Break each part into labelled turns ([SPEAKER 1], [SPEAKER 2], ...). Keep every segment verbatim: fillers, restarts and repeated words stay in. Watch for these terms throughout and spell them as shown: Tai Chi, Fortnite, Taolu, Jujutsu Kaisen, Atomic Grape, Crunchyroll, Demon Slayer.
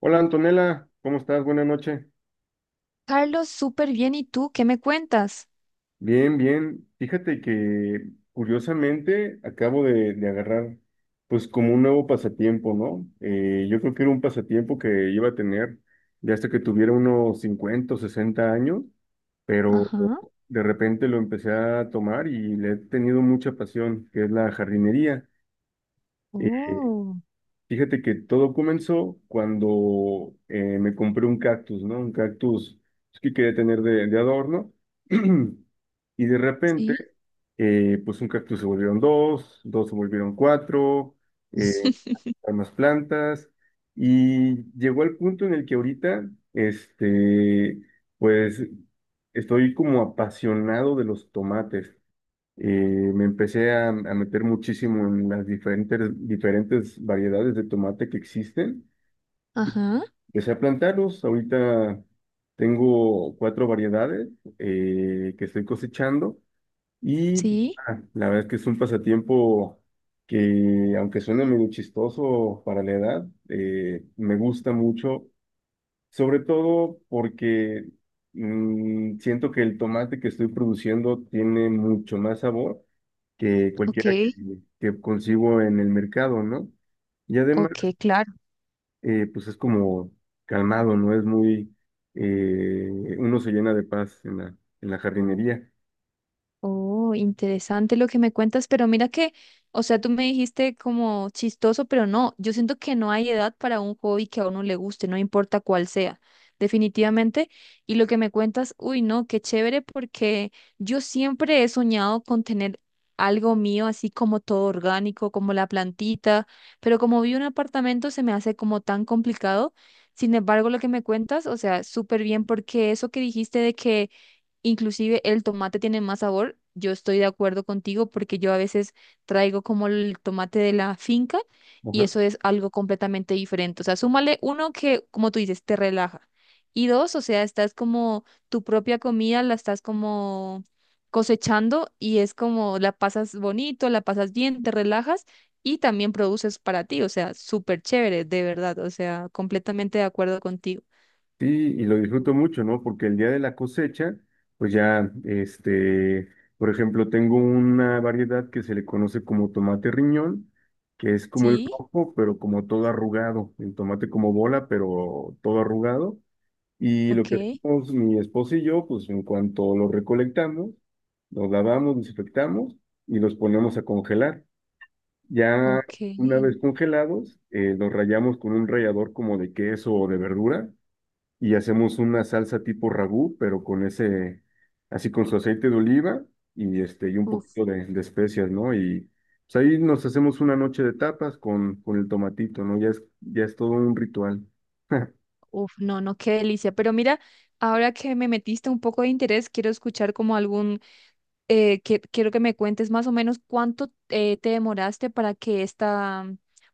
[SPEAKER 1] Hola Antonella, ¿cómo estás? Buenas noches.
[SPEAKER 2] Carlos, súper bien. ¿Y tú qué me cuentas?
[SPEAKER 1] Bien, bien. Fíjate que curiosamente acabo de, de agarrar pues como un nuevo pasatiempo, ¿no? Eh, yo creo que era un pasatiempo que iba a tener ya hasta que tuviera unos cincuenta o sesenta años, pero
[SPEAKER 2] Ajá.
[SPEAKER 1] de repente lo empecé a tomar y le he tenido mucha pasión, que es la jardinería. Eh,
[SPEAKER 2] Oh,
[SPEAKER 1] Fíjate que todo comenzó cuando eh, me compré un cactus, ¿no? Un cactus pues, que quería tener de, de adorno. Y de repente,
[SPEAKER 2] sí.
[SPEAKER 1] eh, pues un cactus se volvieron dos, dos se volvieron cuatro, eh, hay más plantas. Y llegó al punto en el que ahorita, este, pues estoy como apasionado de los tomates. Eh, Me empecé a, a meter muchísimo en las diferentes, diferentes variedades de tomate que existen.
[SPEAKER 2] Ajá.
[SPEAKER 1] Empecé a plantarlos. Ahorita tengo cuatro variedades eh, que estoy cosechando y
[SPEAKER 2] Sí.
[SPEAKER 1] ah, la verdad es que es un pasatiempo que, aunque suene medio chistoso para la edad, eh, me gusta mucho, sobre todo porque mm, siento que el tomate que estoy produciendo tiene mucho más sabor que cualquiera que,
[SPEAKER 2] Ok.
[SPEAKER 1] que consigo en el mercado, ¿no? Y además,
[SPEAKER 2] Ok, claro.
[SPEAKER 1] eh, pues es como calmado, ¿no? Es muy, eh, uno se llena de paz en la, en la jardinería.
[SPEAKER 2] Oh, interesante lo que me cuentas, pero mira que, o sea, tú me dijiste como chistoso, pero no, yo siento que no hay edad para un hobby que a uno le guste, no importa cuál sea, definitivamente. Y lo que me cuentas, uy, no, qué chévere, porque yo siempre he soñado con tener algo mío, así como todo orgánico, como la plantita, pero como vi un apartamento se me hace como tan complicado. Sin embargo, lo que me cuentas, o sea, súper bien, porque eso que dijiste de que Inclusive el tomate tiene más sabor. Yo estoy de acuerdo contigo porque yo a veces traigo como el tomate de la finca y
[SPEAKER 1] Ajá.
[SPEAKER 2] eso es algo completamente diferente. O sea, súmale uno que, como tú dices, te relaja. Y dos, o sea, estás como tu propia comida, la estás como cosechando y es como la pasas bonito, la pasas bien, te relajas y también produces para ti. O sea, súper chévere, de verdad. O sea, completamente de acuerdo contigo.
[SPEAKER 1] Sí, y lo disfruto mucho, ¿no? Porque el día de la cosecha, pues ya, este, por ejemplo, tengo una variedad que se le conoce como tomate riñón, que es como el
[SPEAKER 2] Sí,
[SPEAKER 1] rojo, pero como todo arrugado, el tomate como bola, pero todo arrugado. Y lo que
[SPEAKER 2] ok,
[SPEAKER 1] hacemos mi esposo y yo, pues en cuanto los recolectamos, los lavamos, desinfectamos y los ponemos a congelar. Ya
[SPEAKER 2] ok.
[SPEAKER 1] una vez congelados, eh, los rallamos con un rallador como de queso o de verdura y hacemos una salsa tipo ragú, pero con ese, así con su aceite de oliva y, este, y un
[SPEAKER 2] Uf.
[SPEAKER 1] poquito de, de especias, ¿no? Y pues ahí nos hacemos una noche de tapas con, con el tomatito, ¿no? Ya es, ya es todo un ritual.
[SPEAKER 2] Uf, no, no, qué delicia. Pero mira, ahora que me metiste un poco de interés, quiero escuchar como algún, eh, que- quiero que me cuentes más o menos cuánto eh, te demoraste para que esta,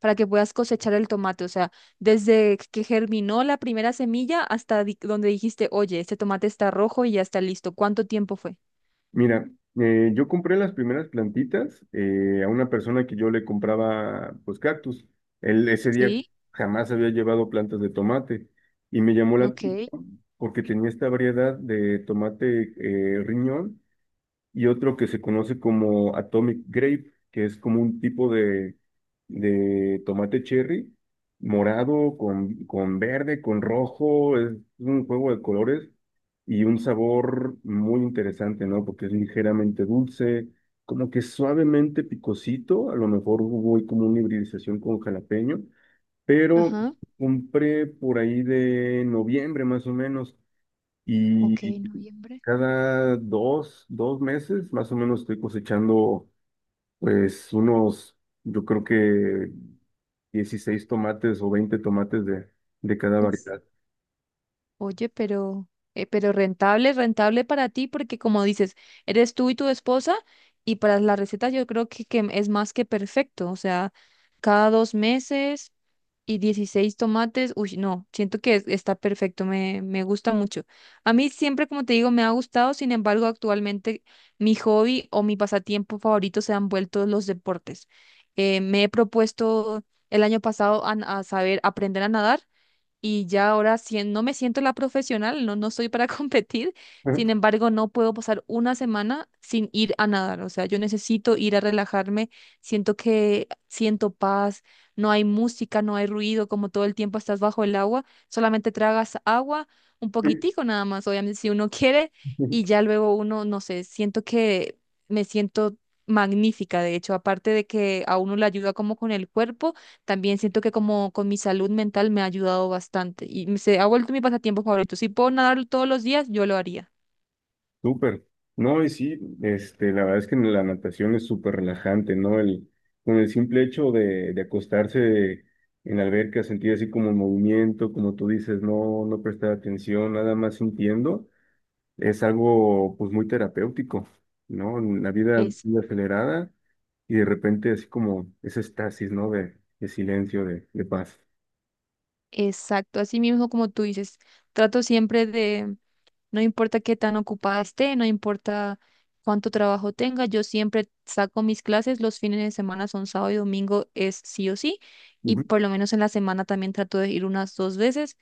[SPEAKER 2] para que puedas cosechar el tomate. O sea, desde que germinó la primera semilla hasta di- donde dijiste, oye, este tomate está rojo y ya está listo. ¿Cuánto tiempo fue?
[SPEAKER 1] Mira, eh, yo compré las primeras plantitas eh, a una persona que yo le compraba pues cactus. Él ese día
[SPEAKER 2] Sí,
[SPEAKER 1] jamás había llevado plantas de tomate y me llamó la
[SPEAKER 2] ok.
[SPEAKER 1] atención porque tenía esta variedad de tomate eh, riñón y otro que se conoce como Atomic Grape, que es como un tipo de, de tomate cherry, morado con, con verde, con rojo, es un juego de colores y un sabor muy interesante, ¿no? Porque es ligeramente dulce, como que suavemente picosito, a lo mejor hubo como una hibridización con jalapeño, pero
[SPEAKER 2] Ajá,
[SPEAKER 1] compré por ahí de noviembre más o menos
[SPEAKER 2] ok,
[SPEAKER 1] y
[SPEAKER 2] noviembre.
[SPEAKER 1] cada dos, dos meses más o menos estoy cosechando pues unos, yo creo que dieciséis tomates o veinte tomates de, de cada
[SPEAKER 2] Uf.
[SPEAKER 1] variedad.
[SPEAKER 2] Oye, pero, eh, pero rentable, rentable para ti, porque como dices, eres tú y tu esposa, y para la receta yo creo que, que, es más que perfecto. O sea, cada dos meses y dieciséis tomates, uy, no, siento que es- está perfecto, me, me gusta mucho. A mí siempre, como te digo, me ha gustado, sin embargo, actualmente mi hobby o mi pasatiempo favorito se han vuelto los deportes. Eh, me he propuesto el año pasado a a saber aprender a nadar y ya ahora sí no me siento la profesional, no, no soy para competir,
[SPEAKER 1] Ajá.
[SPEAKER 2] sin embargo, no puedo pasar una semana sin ir a nadar, o sea, yo necesito ir a relajarme, siento que siento paz, no hay música, no hay ruido, como todo el tiempo estás bajo el agua, solamente tragas agua, un poquitico nada más, obviamente si uno quiere, y ya luego uno, no sé, siento que me siento magnífica, de hecho, aparte de que a uno le ayuda como con el cuerpo también siento que como con mi salud mental me ha ayudado bastante y me- se ha vuelto mi pasatiempo favorito. Si puedo nadar todos los días, yo lo haría.
[SPEAKER 1] Súper. No, y sí, este, la verdad es que la natación es súper relajante, ¿no? El, con el simple hecho de, de acostarse en la alberca, sentir así como movimiento, como tú dices, no, no prestar atención, nada más sintiendo, es algo pues muy terapéutico, ¿no? La vida
[SPEAKER 2] Es
[SPEAKER 1] muy acelerada y de repente así como ese estasis, ¿no? De, de silencio, de, de paz.
[SPEAKER 2] exacto, así mismo como tú dices, trato siempre de, no importa qué tan ocupada esté, no importa cuánto trabajo tenga, yo siempre saco mis clases, los fines de semana son sábado y domingo, es sí o sí, y
[SPEAKER 1] Ujú.
[SPEAKER 2] por lo menos en la semana también trato de ir unas dos veces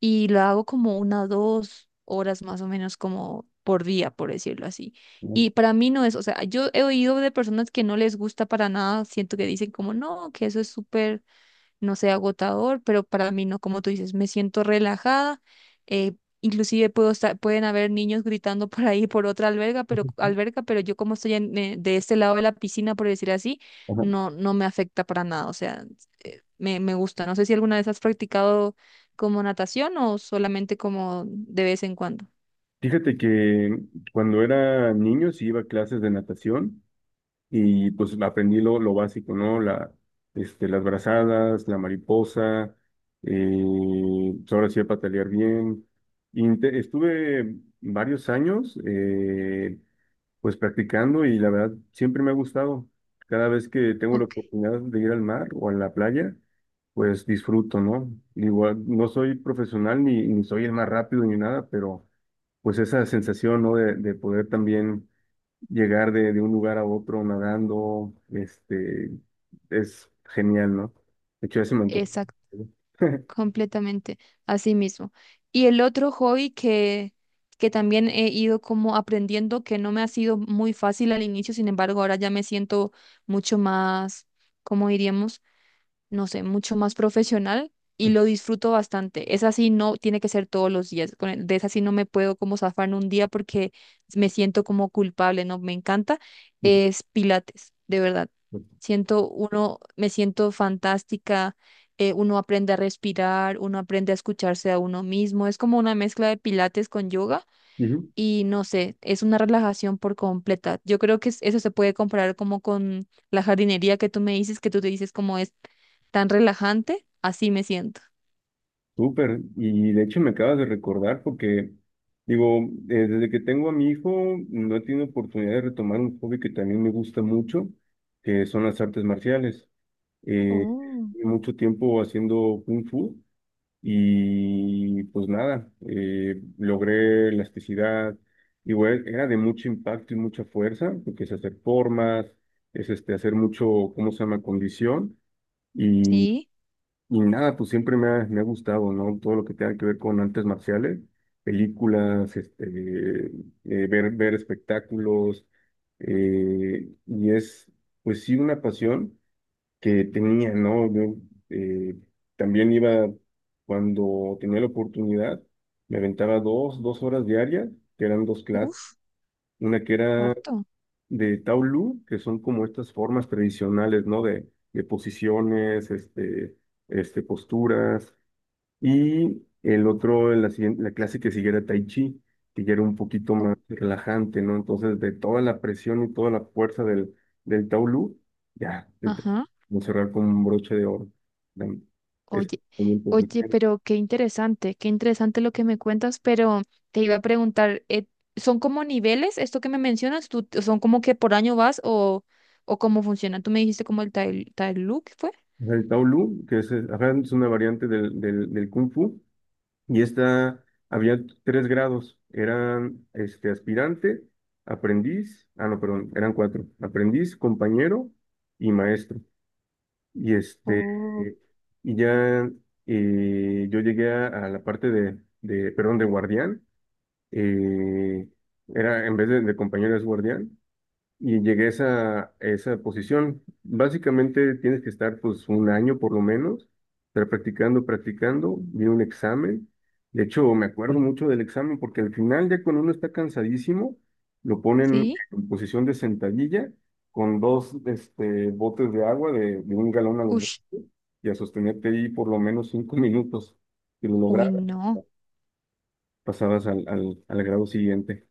[SPEAKER 2] y lo hago como una, dos horas más o menos como por día, por decirlo así. Y para mí no es, o sea, yo he oído de personas que no les gusta para nada, siento que dicen como no, que eso es súper, no sé, agotador, pero para mí no, como tú dices, me siento relajada. eh, Inclusive puedo estar, pueden haber niños gritando por ahí por otra alberga, pero alberca, pero yo como estoy en- eh, de este lado de la piscina, por decir así,
[SPEAKER 1] Ajá.
[SPEAKER 2] no, no me afecta para nada. O sea, me, me gusta. No sé si alguna vez has practicado como natación o solamente como de vez en cuando.
[SPEAKER 1] Fíjate que cuando era niño sí iba a clases de natación y pues aprendí lo, lo básico, ¿no? La, este, las brazadas, la mariposa, eh, pues, ahora sí a patalear bien. Inte- estuve varios años, eh, Pues practicando y la verdad siempre me ha gustado. Cada vez que tengo la
[SPEAKER 2] Ok,
[SPEAKER 1] oportunidad de ir al mar o a la playa, pues disfruto, ¿no? Igual no soy profesional ni, ni soy el más rápido ni nada, pero pues esa sensación, ¿no? De, de poder también llegar de, de un lugar a otro nadando, este, es genial, ¿no? De hecho, ya se me antojó.
[SPEAKER 2] exacto, completamente. Así mismo. Y el otro hobby que, que también he ido como aprendiendo, que no me ha sido muy fácil al inicio, sin embargo, ahora ya me siento mucho más, ¿como diríamos? No sé, mucho más profesional y lo disfruto bastante. Esa sí no tiene que ser todos los días. con el- De esa sí no me puedo como zafar en un día porque me siento como culpable, no me encanta. Es Pilates, de verdad. Siento uno, me siento fantástica. Eh, uno aprende a respirar, uno aprende a escucharse a uno mismo. Es como una mezcla de Pilates con yoga
[SPEAKER 1] Ujú.
[SPEAKER 2] y no sé, es una relajación por completa. Yo creo que es- eso se puede comparar como con la jardinería que tú me dices, que tú te dices como es tan relajante, así me siento.
[SPEAKER 1] Súper, y de hecho me acabas de recordar porque, digo, eh, desde que tengo a mi hijo, no he tenido oportunidad de retomar un hobby que también me gusta mucho, que son las artes marciales. Eh,
[SPEAKER 2] Oh,
[SPEAKER 1] Llevo mucho tiempo haciendo kung fu y pues nada, eh, logré elasticidad, igual era de mucho impacto y mucha fuerza, porque es hacer formas, es este, hacer mucho, ¿cómo se llama?, condición. y
[SPEAKER 2] sí,
[SPEAKER 1] y nada, pues siempre me ha, me ha gustado, ¿no? Todo lo que tenga que ver con artes marciales, películas, este, eh, ver, ver espectáculos, eh, y es, pues sí, una pasión que tenía, ¿no? Yo eh, también iba, cuando tenía la oportunidad, me aventaba dos, dos horas diarias, que eran dos clases,
[SPEAKER 2] uf,
[SPEAKER 1] una que era
[SPEAKER 2] harto.
[SPEAKER 1] de Taolu, que son como estas formas tradicionales, ¿no? De, de posiciones, este, este, posturas y el otro, la, siguien- la clase que siguiera Tai Chi, que ya era un poquito
[SPEAKER 2] O-
[SPEAKER 1] más relajante, ¿no? Entonces, de toda la presión y toda la fuerza del, del Taolu ya,
[SPEAKER 2] Ajá.
[SPEAKER 1] vamos a cerrar con un broche de oro. Dam- Es
[SPEAKER 2] Oye,
[SPEAKER 1] también
[SPEAKER 2] oye,
[SPEAKER 1] profesional.
[SPEAKER 2] pero qué interesante, qué interesante lo que me cuentas, pero te iba a preguntar, eh, ¿son como niveles esto que me mencionas? ¿Tú, son como que por año vas o, o cómo funciona? Tú me dijiste como el Tai Look, ¿fue?
[SPEAKER 1] O sea, el Taolu que es, eh, ajá, es una variante del, del, del Kung Fu, y esta, había tres grados, eran este, aspirante, aprendiz, ah, no, perdón, eran cuatro, aprendiz, compañero y maestro. Y este,
[SPEAKER 2] Oh,
[SPEAKER 1] eh, y ya eh, yo llegué a, a la parte de, de, perdón, de guardián. eh, era, en vez de, de compañero es guardián. Y llegué a esa, esa posición. Básicamente tienes que estar pues un año por lo menos, estar practicando, practicando, vi un examen. De hecho, me acuerdo mucho del examen porque al final ya cuando uno está cansadísimo, lo ponen
[SPEAKER 2] sí.
[SPEAKER 1] en posición de sentadilla con dos este, botes de agua de, de un galón a los dos y a sostenerte ahí por lo menos cinco minutos. Si lo
[SPEAKER 2] Uy,
[SPEAKER 1] lograbas,
[SPEAKER 2] no.
[SPEAKER 1] pasabas al, al, al grado siguiente.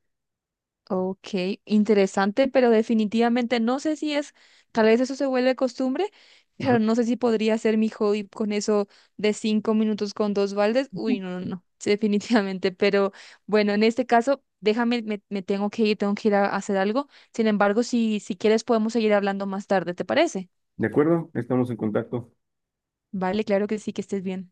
[SPEAKER 2] Ok, interesante, pero definitivamente no sé si es, tal vez eso se vuelve costumbre,
[SPEAKER 1] Ajá.
[SPEAKER 2] pero no sé si podría ser mi hobby con eso de cinco minutos con dos baldes. Uy, no, no, no, sí, definitivamente, pero bueno, en este caso, déjame, me, me tengo que ir, tengo que ir a hacer algo. Sin embargo, si, si quieres podemos seguir hablando más tarde, ¿te parece?
[SPEAKER 1] ¿De acuerdo? Estamos en contacto.
[SPEAKER 2] Vale, claro que sí, que estés bien.